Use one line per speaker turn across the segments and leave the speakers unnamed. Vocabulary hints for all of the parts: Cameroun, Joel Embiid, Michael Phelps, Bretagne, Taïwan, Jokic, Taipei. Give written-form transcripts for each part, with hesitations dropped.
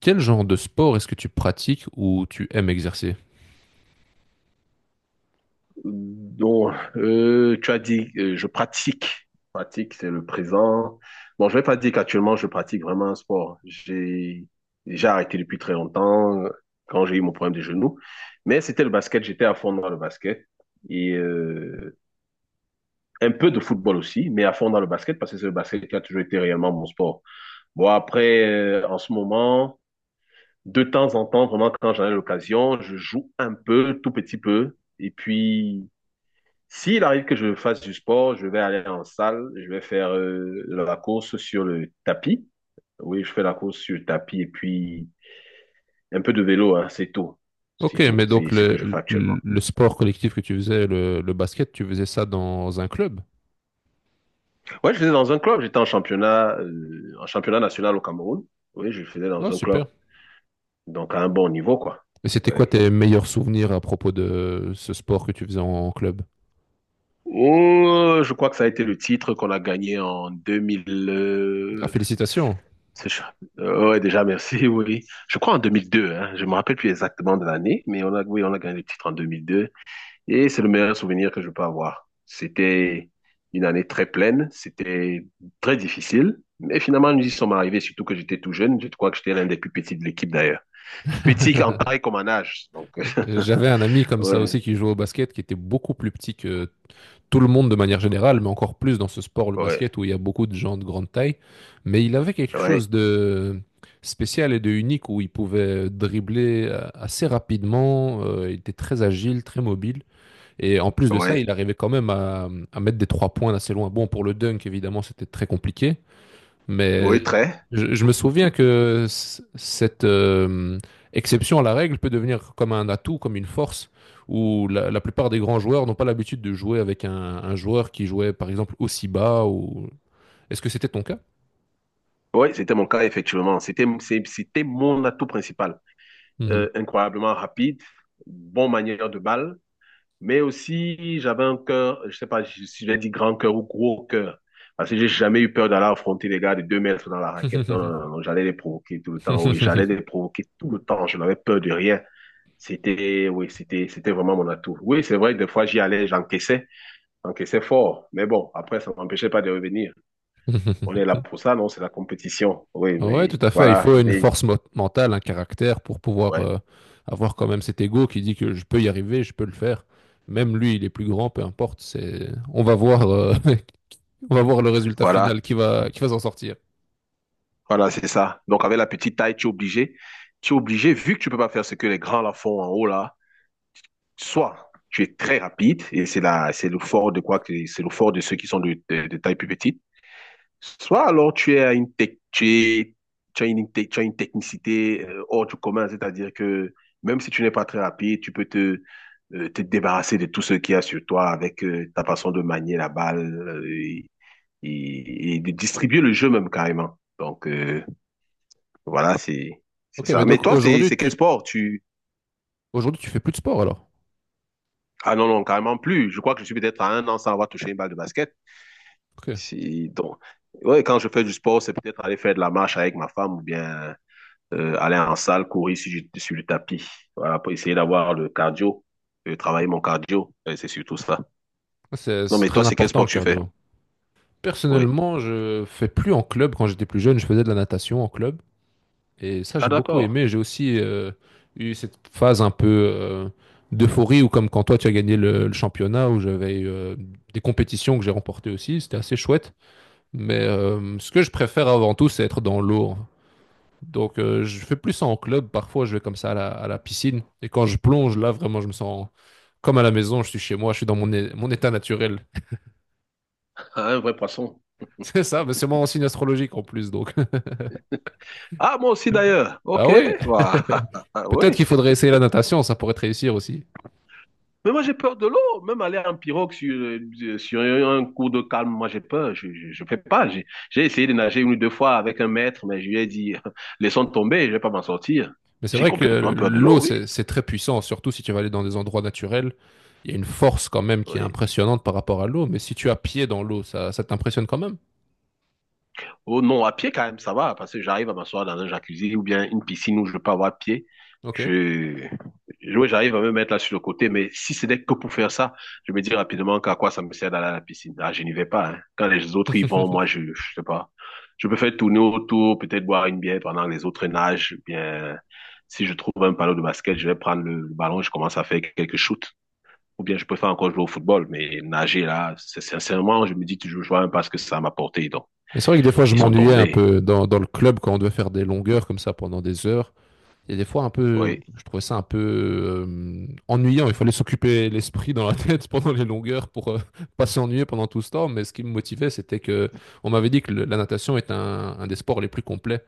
Quel genre de sport est-ce que tu pratiques ou tu aimes exercer?
Donc, tu as dit, je pratique. Pratique, c'est le présent. Bon, je vais pas dire qu'actuellement, je pratique vraiment un sport. J'ai arrêté depuis très longtemps quand j'ai eu mon problème des genoux. Mais c'était le basket, j'étais à fond dans le basket. Et un peu de football aussi, mais à fond dans le basket parce que c'est le basket qui a toujours été réellement mon sport. Bon, après, en ce moment, de temps en temps, vraiment quand j'en ai l'occasion, je joue un peu, tout petit peu. Et puis, s'il arrive que je fasse du sport, je vais aller en salle, je vais faire la course sur le tapis. Oui, je fais la course sur le tapis et puis un peu de vélo, hein, c'est tout.
Ok,
C'est tout.
mais
C'est
donc
ce que je fais
le, le-
actuellement.
le sport collectif que tu faisais, le basket, tu faisais ça dans un club?
Ouais, je faisais dans un club. J'étais en championnat national au Cameroun. Oui, je faisais
Ah,
dans un club.
super.
Donc à un bon niveau, quoi.
Et c'était quoi
Oui.
tes meilleurs souvenirs à propos de ce sport que tu faisais en club?
Oh, je crois que ça a été le titre qu'on a gagné en 2000.
Ah, félicitations.
C'est chouette. Ouais, déjà, merci, oui. Je crois en 2002, hein. Je me rappelle plus exactement de l'année, mais on a, oui, on a gagné le titre en 2002. Et c'est le meilleur souvenir que je peux avoir. C'était une année très pleine, c'était très difficile, mais finalement, nous y sommes arrivés, surtout que j'étais tout jeune. Je crois que j'étais l'un des plus petits de l'équipe d'ailleurs. Petit en taille comme en âge. Donc,
J'avais un ami comme ça
ouais,
aussi qui jouait au basket, qui était beaucoup plus petit que tout le monde de manière générale, mais encore plus dans ce sport, le basket,
ouais,
où il y a beaucoup de gens de grande taille. Mais il avait quelque chose
ouais,
de spécial et de unique où il pouvait dribbler assez rapidement, il était très agile, très mobile. Et en plus de ça,
ouais,
il arrivait quand même à mettre des trois points d'assez loin. Bon, pour le dunk, évidemment, c'était très compliqué, mais
ouais, très.
je me souviens que cette exception à la règle peut devenir comme un atout, comme une force, où la plupart des grands joueurs n'ont pas l'habitude de jouer avec un joueur qui jouait par exemple aussi bas ou... Est-ce que c'était ton cas?
Oui, c'était mon cas, effectivement. C'était, c'était mon atout principal.
Mhm.
Incroyablement rapide, bon manière de balle. Mais aussi, j'avais un cœur, je sais pas si je l'ai dit grand cœur ou gros cœur. Parce que j'ai jamais eu peur d'aller affronter les gars de 2 mètres dans la raquette. Non, non, non, non, j'allais les provoquer tout le temps. Oui, j'allais les provoquer tout le temps. Je n'avais peur de rien. C'était, oui, c'était vraiment mon atout. Oui, c'est vrai, des fois, j'y allais, j'encaissais fort. Mais bon, après, ça m'empêchait pas de revenir. On est là pour ça, non? C'est la compétition. Oui,
Ouais, tout
mais
à fait. Il
voilà,
faut une
mais,
force mentale, un caractère pour pouvoir
ouais,
avoir quand même cet ego qui dit que je peux y arriver, je peux le faire. Même lui, il est plus grand, peu importe. C'est, on va voir On va voir le résultat
voilà,
final qui va s'en sortir.
voilà, c'est ça. Donc, avec la petite taille, tu es obligé. Tu es obligé, vu que tu peux pas faire ce que les grands là font en haut, là, soit tu es très rapide, et c'est le fort de quoi que c'est le fort de ceux qui sont de taille plus petite, soit alors tu as une technicité hors du commun, c'est-à-dire que même si tu n'es pas très rapide, tu peux te débarrasser de tout ce qu'il y a sur toi avec ta façon de manier la balle, et de distribuer le jeu même carrément. Donc voilà, c'est
Ok, mais
ça. Mais
donc
toi, c'est c'est quel sport tu.
aujourd'hui, tu fais plus de sport alors?
Ah non non carrément plus. Je crois que je suis peut-être à un an sans avoir touché une balle de basket.
Ok.
Si, donc, ouais, quand je fais du sport, c'est peut-être aller faire de la marche avec ma femme ou bien aller en salle, courir sur le tapis. Voilà, pour essayer d'avoir le cardio, travailler mon cardio. Et c'est surtout ça.
Ah, C'est,
Non,
c'est
mais toi,
très
c'est quel
important
sport
le
que tu fais?
cardio.
Oui.
Personnellement, je fais plus en club. Quand j'étais plus jeune, je faisais de la natation en club. Et ça,
Ah,
j'ai beaucoup
d'accord.
aimé. J'ai aussi eu cette phase un peu euh, d'euphorie où, comme quand toi, tu as gagné le championnat, où j'avais eu, des compétitions que j'ai remportées aussi. C'était assez chouette. Mais ce que je préfère avant tout, c'est être dans l'eau. Donc, je fais plus ça en club. Parfois, je vais comme ça à la piscine. Et quand je plonge, là, vraiment, je me sens comme à la maison. Je suis chez moi, je suis dans mon état naturel.
Ah, un vrai poisson.
C'est ça, mais c'est mon signe astrologique en plus. Donc,
Ah, moi aussi d'ailleurs.
ah
OK.
ouais,
Voilà.
peut-être
Oui.
qu'il faudrait essayer la natation, ça pourrait te réussir aussi.
Mais moi, j'ai peur de l'eau. Même aller en pirogue sur un cours de calme, moi, j'ai peur. Je fais pas. J'ai essayé de nager une ou deux fois avec un maître, mais je lui ai dit, laissons tomber, je vais pas m'en sortir.
Mais c'est
J'ai
vrai que
complètement peur de
l'eau,
l'eau, oui.
c'est très puissant, surtout si tu vas aller dans des endroits naturels. Il y a une force quand même qui est
Oui.
impressionnante par rapport à l'eau. Mais si tu as pied dans l'eau, ça t'impressionne quand même.
Oh non, à pied quand même, ça va, parce que j'arrive à m'asseoir dans un jacuzzi ou bien une piscine où je peux avoir pied.
Ok.
Je, ouais, j'arrive à me mettre là sur le côté, mais si c'était que pour faire ça, je me dis rapidement qu'à quoi ça me sert d'aller à la piscine. Ah, je n'y vais pas, hein. Quand les autres y vont, moi, je sais pas. Je peux faire tourner autour, peut-être boire une bière pendant que les autres nagent, ou bien, si je trouve un panneau de basket, je vais prendre le ballon, je commence à faire quelques shoots. Ou bien je peux faire encore jouer au football, mais nager là, c'est sincèrement, je me dis toujours, je vois même pas ce que ça m'a apporté, donc.
Mais c'est vrai que des fois, je
Ils sont
m'ennuyais un
tombés.
peu dans le club quand on devait faire des longueurs comme ça pendant des heures. Et des fois, un peu,
Oui,
je trouvais ça un peu ennuyant. Il fallait s'occuper l'esprit dans la tête pendant les longueurs pour pas s'ennuyer pendant tout ce temps. Mais ce qui me motivait, c'était que on m'avait dit que la natation est un des sports les plus complets.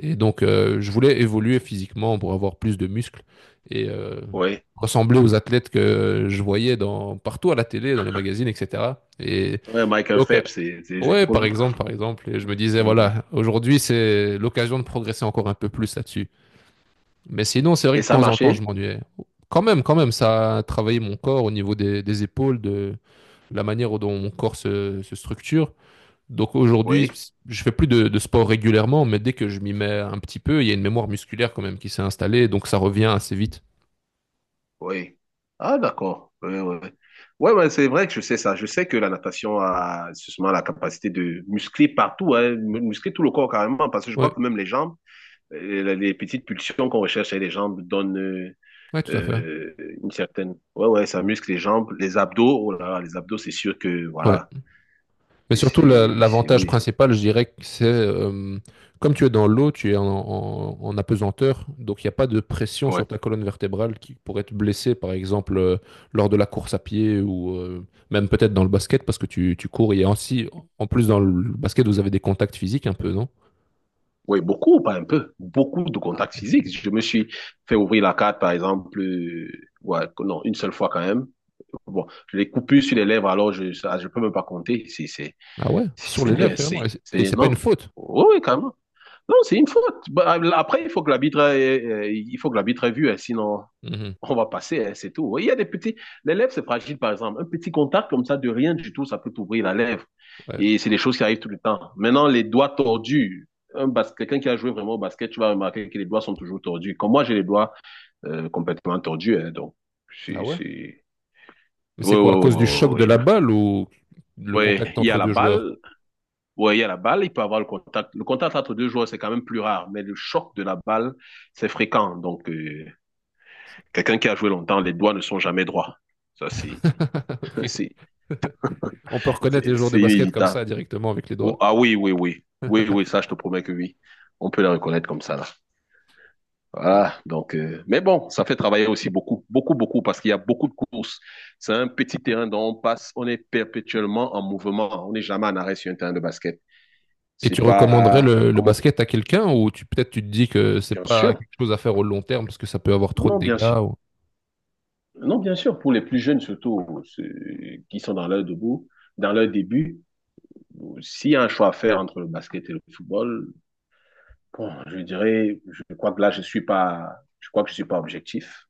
Et donc, je voulais évoluer physiquement pour avoir plus de muscles et
oui.
ressembler aux athlètes que je voyais dans, partout à la télé, dans les magazines, etc. Et
Ouais, Michael
donc,
Phelps, c'est les
ouais, par
épaules.
exemple, par exemple, et je me disais,
Mhm.
voilà, aujourd'hui, c'est l'occasion de progresser encore un peu plus là-dessus. Mais sinon, c'est vrai
Et
que de
ça a
temps en temps, je
marché?
m'ennuyais. Quand même, ça a travaillé mon corps au niveau des épaules, de la manière dont mon corps se structure. Donc
Oui,
aujourd'hui, je fais plus de sport régulièrement, mais dès que je m'y mets un petit peu, il y a une mémoire musculaire quand même qui s'est installée, donc ça revient assez vite.
oui. Ah, d'accord. Oui, oui. Ouais, ouais, ouais, c'est vrai que je sais ça. Je sais que la natation a justement la capacité de muscler partout, hein, muscler tout le corps carrément, parce que je crois
Ouais,
que même les jambes, les petites pulsions qu'on recherche chez les jambes donnent
ouais, tout à fait.
euh, une certaine. Ouais, ouais, ça muscle les jambes, les abdos. Oh là là, les abdos, c'est sûr que
Ouais.
voilà.
Mais
Et
surtout, l'avantage
Oui.
principal, je dirais que c'est, comme tu es dans l'eau, tu es en apesanteur, donc il n'y a pas de pression
Ouais.
sur ta colonne vertébrale qui pourrait te blesser, par exemple, lors de la course à pied ou même peut-être dans le basket, parce que tu cours. Et ainsi, en plus, dans le basket, vous avez des contacts physiques un peu, non?
Oui, beaucoup, pas un peu. Beaucoup de
Ah, ok,
contacts
ok,
physiques.
beaucoup.
Je me suis fait ouvrir la carte, par exemple, ouais, non, une seule fois quand même. Bon, je l'ai coupé sur les lèvres, alors ça, je peux même pas compter.
Ah ouais, sur les lèvres,
C'est,
carrément. Et
c'est
c'est
c'est
et c'est pas une
énorme.
faute.
Oui, oui, carrément. Non, c'est une faute. Bah, après, il faut que l'arbitre ait vu, hein, sinon,
Mhm,
on va passer, hein, c'est tout. Oui, il y a des petits, les lèvres, c'est fragile, par exemple. Un petit contact comme ça, de rien du tout, ça peut t'ouvrir la lèvre.
ouais.
Et c'est des choses qui arrivent tout le temps. Maintenant, les doigts tordus. Quelqu'un qui a joué vraiment au basket, tu vas remarquer que les doigts sont toujours tordus. Comme moi, j'ai les doigts complètement tordus. Hein, donc,
Ah
c'est...
ouais?
c'est-
Mais c'est
oui,
quoi,
oui,
à
oui,
cause du choc de
oui, oui.
la
Oui.
balle ou le
Oui,
contact
il y
entre
a la
deux joueurs?
balle. Oui, il y a la balle. Il peut avoir le contact. Le contact entre deux joueurs, c'est quand même plus rare. Mais le choc de la balle, c'est fréquent. Donc, quelqu'un qui a joué longtemps, les doigts ne sont jamais droits. Ça, c'est,
Ok.
c'est
On peut reconnaître les
C'est
joueurs de
c'est
basket comme
inévitable.
ça directement avec les
Oh,
doigts.
ah oui, oui, oui. Oui, oui, ça, je te promets que oui. On peut la reconnaître comme ça, là. Voilà. Donc, mais bon, ça fait travailler aussi beaucoup, beaucoup, beaucoup, parce qu'il y a beaucoup de courses. C'est un petit terrain dont on passe, on est perpétuellement en mouvement. On n'est jamais en arrêt sur un terrain de basket.
Et
C'est
tu recommanderais
pas
le
comme,
basket à quelqu'un ou tu peut-être tu te dis que c'est
bien
pas
sûr.
quelque chose à faire au long terme parce que ça peut avoir trop de
Non, bien sûr.
dégâts ou...
Non, bien sûr, pour les plus jeunes, surtout, ceux qui sont dans leur début, s'il y a un choix à faire entre le basket et le football. Bon, je dirais, je crois que là, je suis pas, je crois que je suis pas objectif.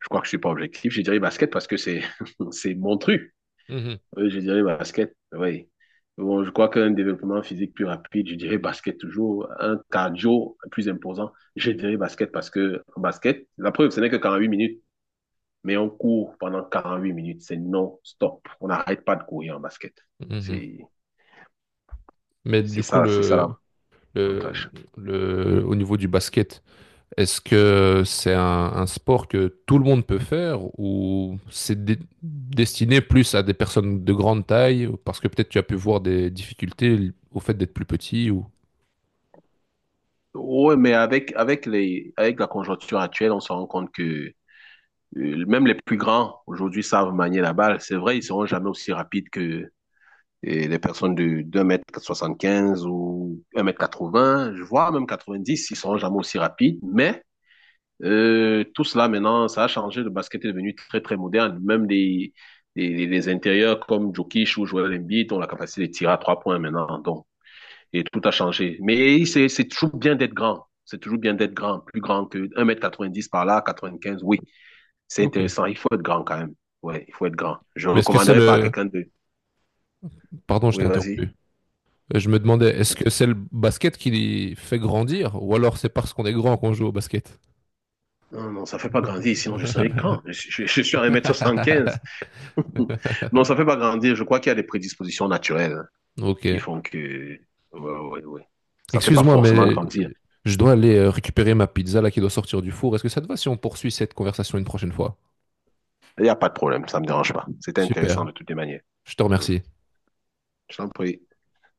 Je crois que je suis pas objectif. Je dirais basket parce que c'est mon truc.
Mhm,
Oui, je dirais basket, oui. Bon, je crois qu'un développement physique plus rapide, je dirais basket toujours. Un cardio plus imposant, je dirais basket parce que en basket, la preuve, ce n'est que 8 minutes, mais on court pendant 48 minutes. C'est non-stop. On n'arrête pas de courir en basket.
mhm.
C'est,
Mais du coup,
c'est ça
le,
l'avantage.
au niveau du basket, est-ce que c'est un sport que tout le monde peut faire ou c'est destiné plus à des personnes de grande taille ou- parce que peut-être tu as pu voir des difficultés au fait d'être plus petit ou...
Oui, mais avec la conjoncture actuelle, on se rend compte que même les plus grands aujourd'hui savent manier la balle. C'est vrai, ils seront jamais aussi rapides que les personnes de 2 soixante-quinze ou 1,80 m, je vois même 90, ils seront jamais aussi rapides. Mais tout cela maintenant, ça a changé. Le basket est devenu très, très moderne. Même les intérieurs comme Jokic ou Joel Embiid ont la capacité de tirer à 3 points maintenant. Donc, et tout a changé. Mais c'est toujours bien d'être grand. C'est toujours bien d'être grand, plus grand que un mètre quatre-vingt-dix par là, 95. Oui. C'est
Ok.
intéressant. Il faut être grand quand même. Ouais, il faut être grand. Je ne
Mais est-ce que c'est
recommanderais pas à
le,
quelqu'un de.
pardon, je
Oui,
t'ai
vas-y.
interrompu. Je me demandais, est-ce que c'est le basket qui les fait grandir, ou alors c'est parce qu'on est grand qu'on joue au basket?
Non, non, ça ne fait pas grandir, sinon je serais grand. Je suis à un mètre soixante-quinze. Non, ça ne fait pas grandir. Je crois qu'il y a des prédispositions naturelles qui
Ok.
font que. Ouais, ouais, ouais. Ça ne fait pas
Excuse-moi,
forcément
mais
grandir.
je dois aller récupérer ma pizza là qui doit sortir du four. Est-ce que ça te va si on poursuit cette conversation une prochaine fois?
Il n'y a pas de problème, ça ne me dérange pas. C'était intéressant
Super.
de toutes les manières.
Je te
Ouais.
remercie.
Je t'en prie.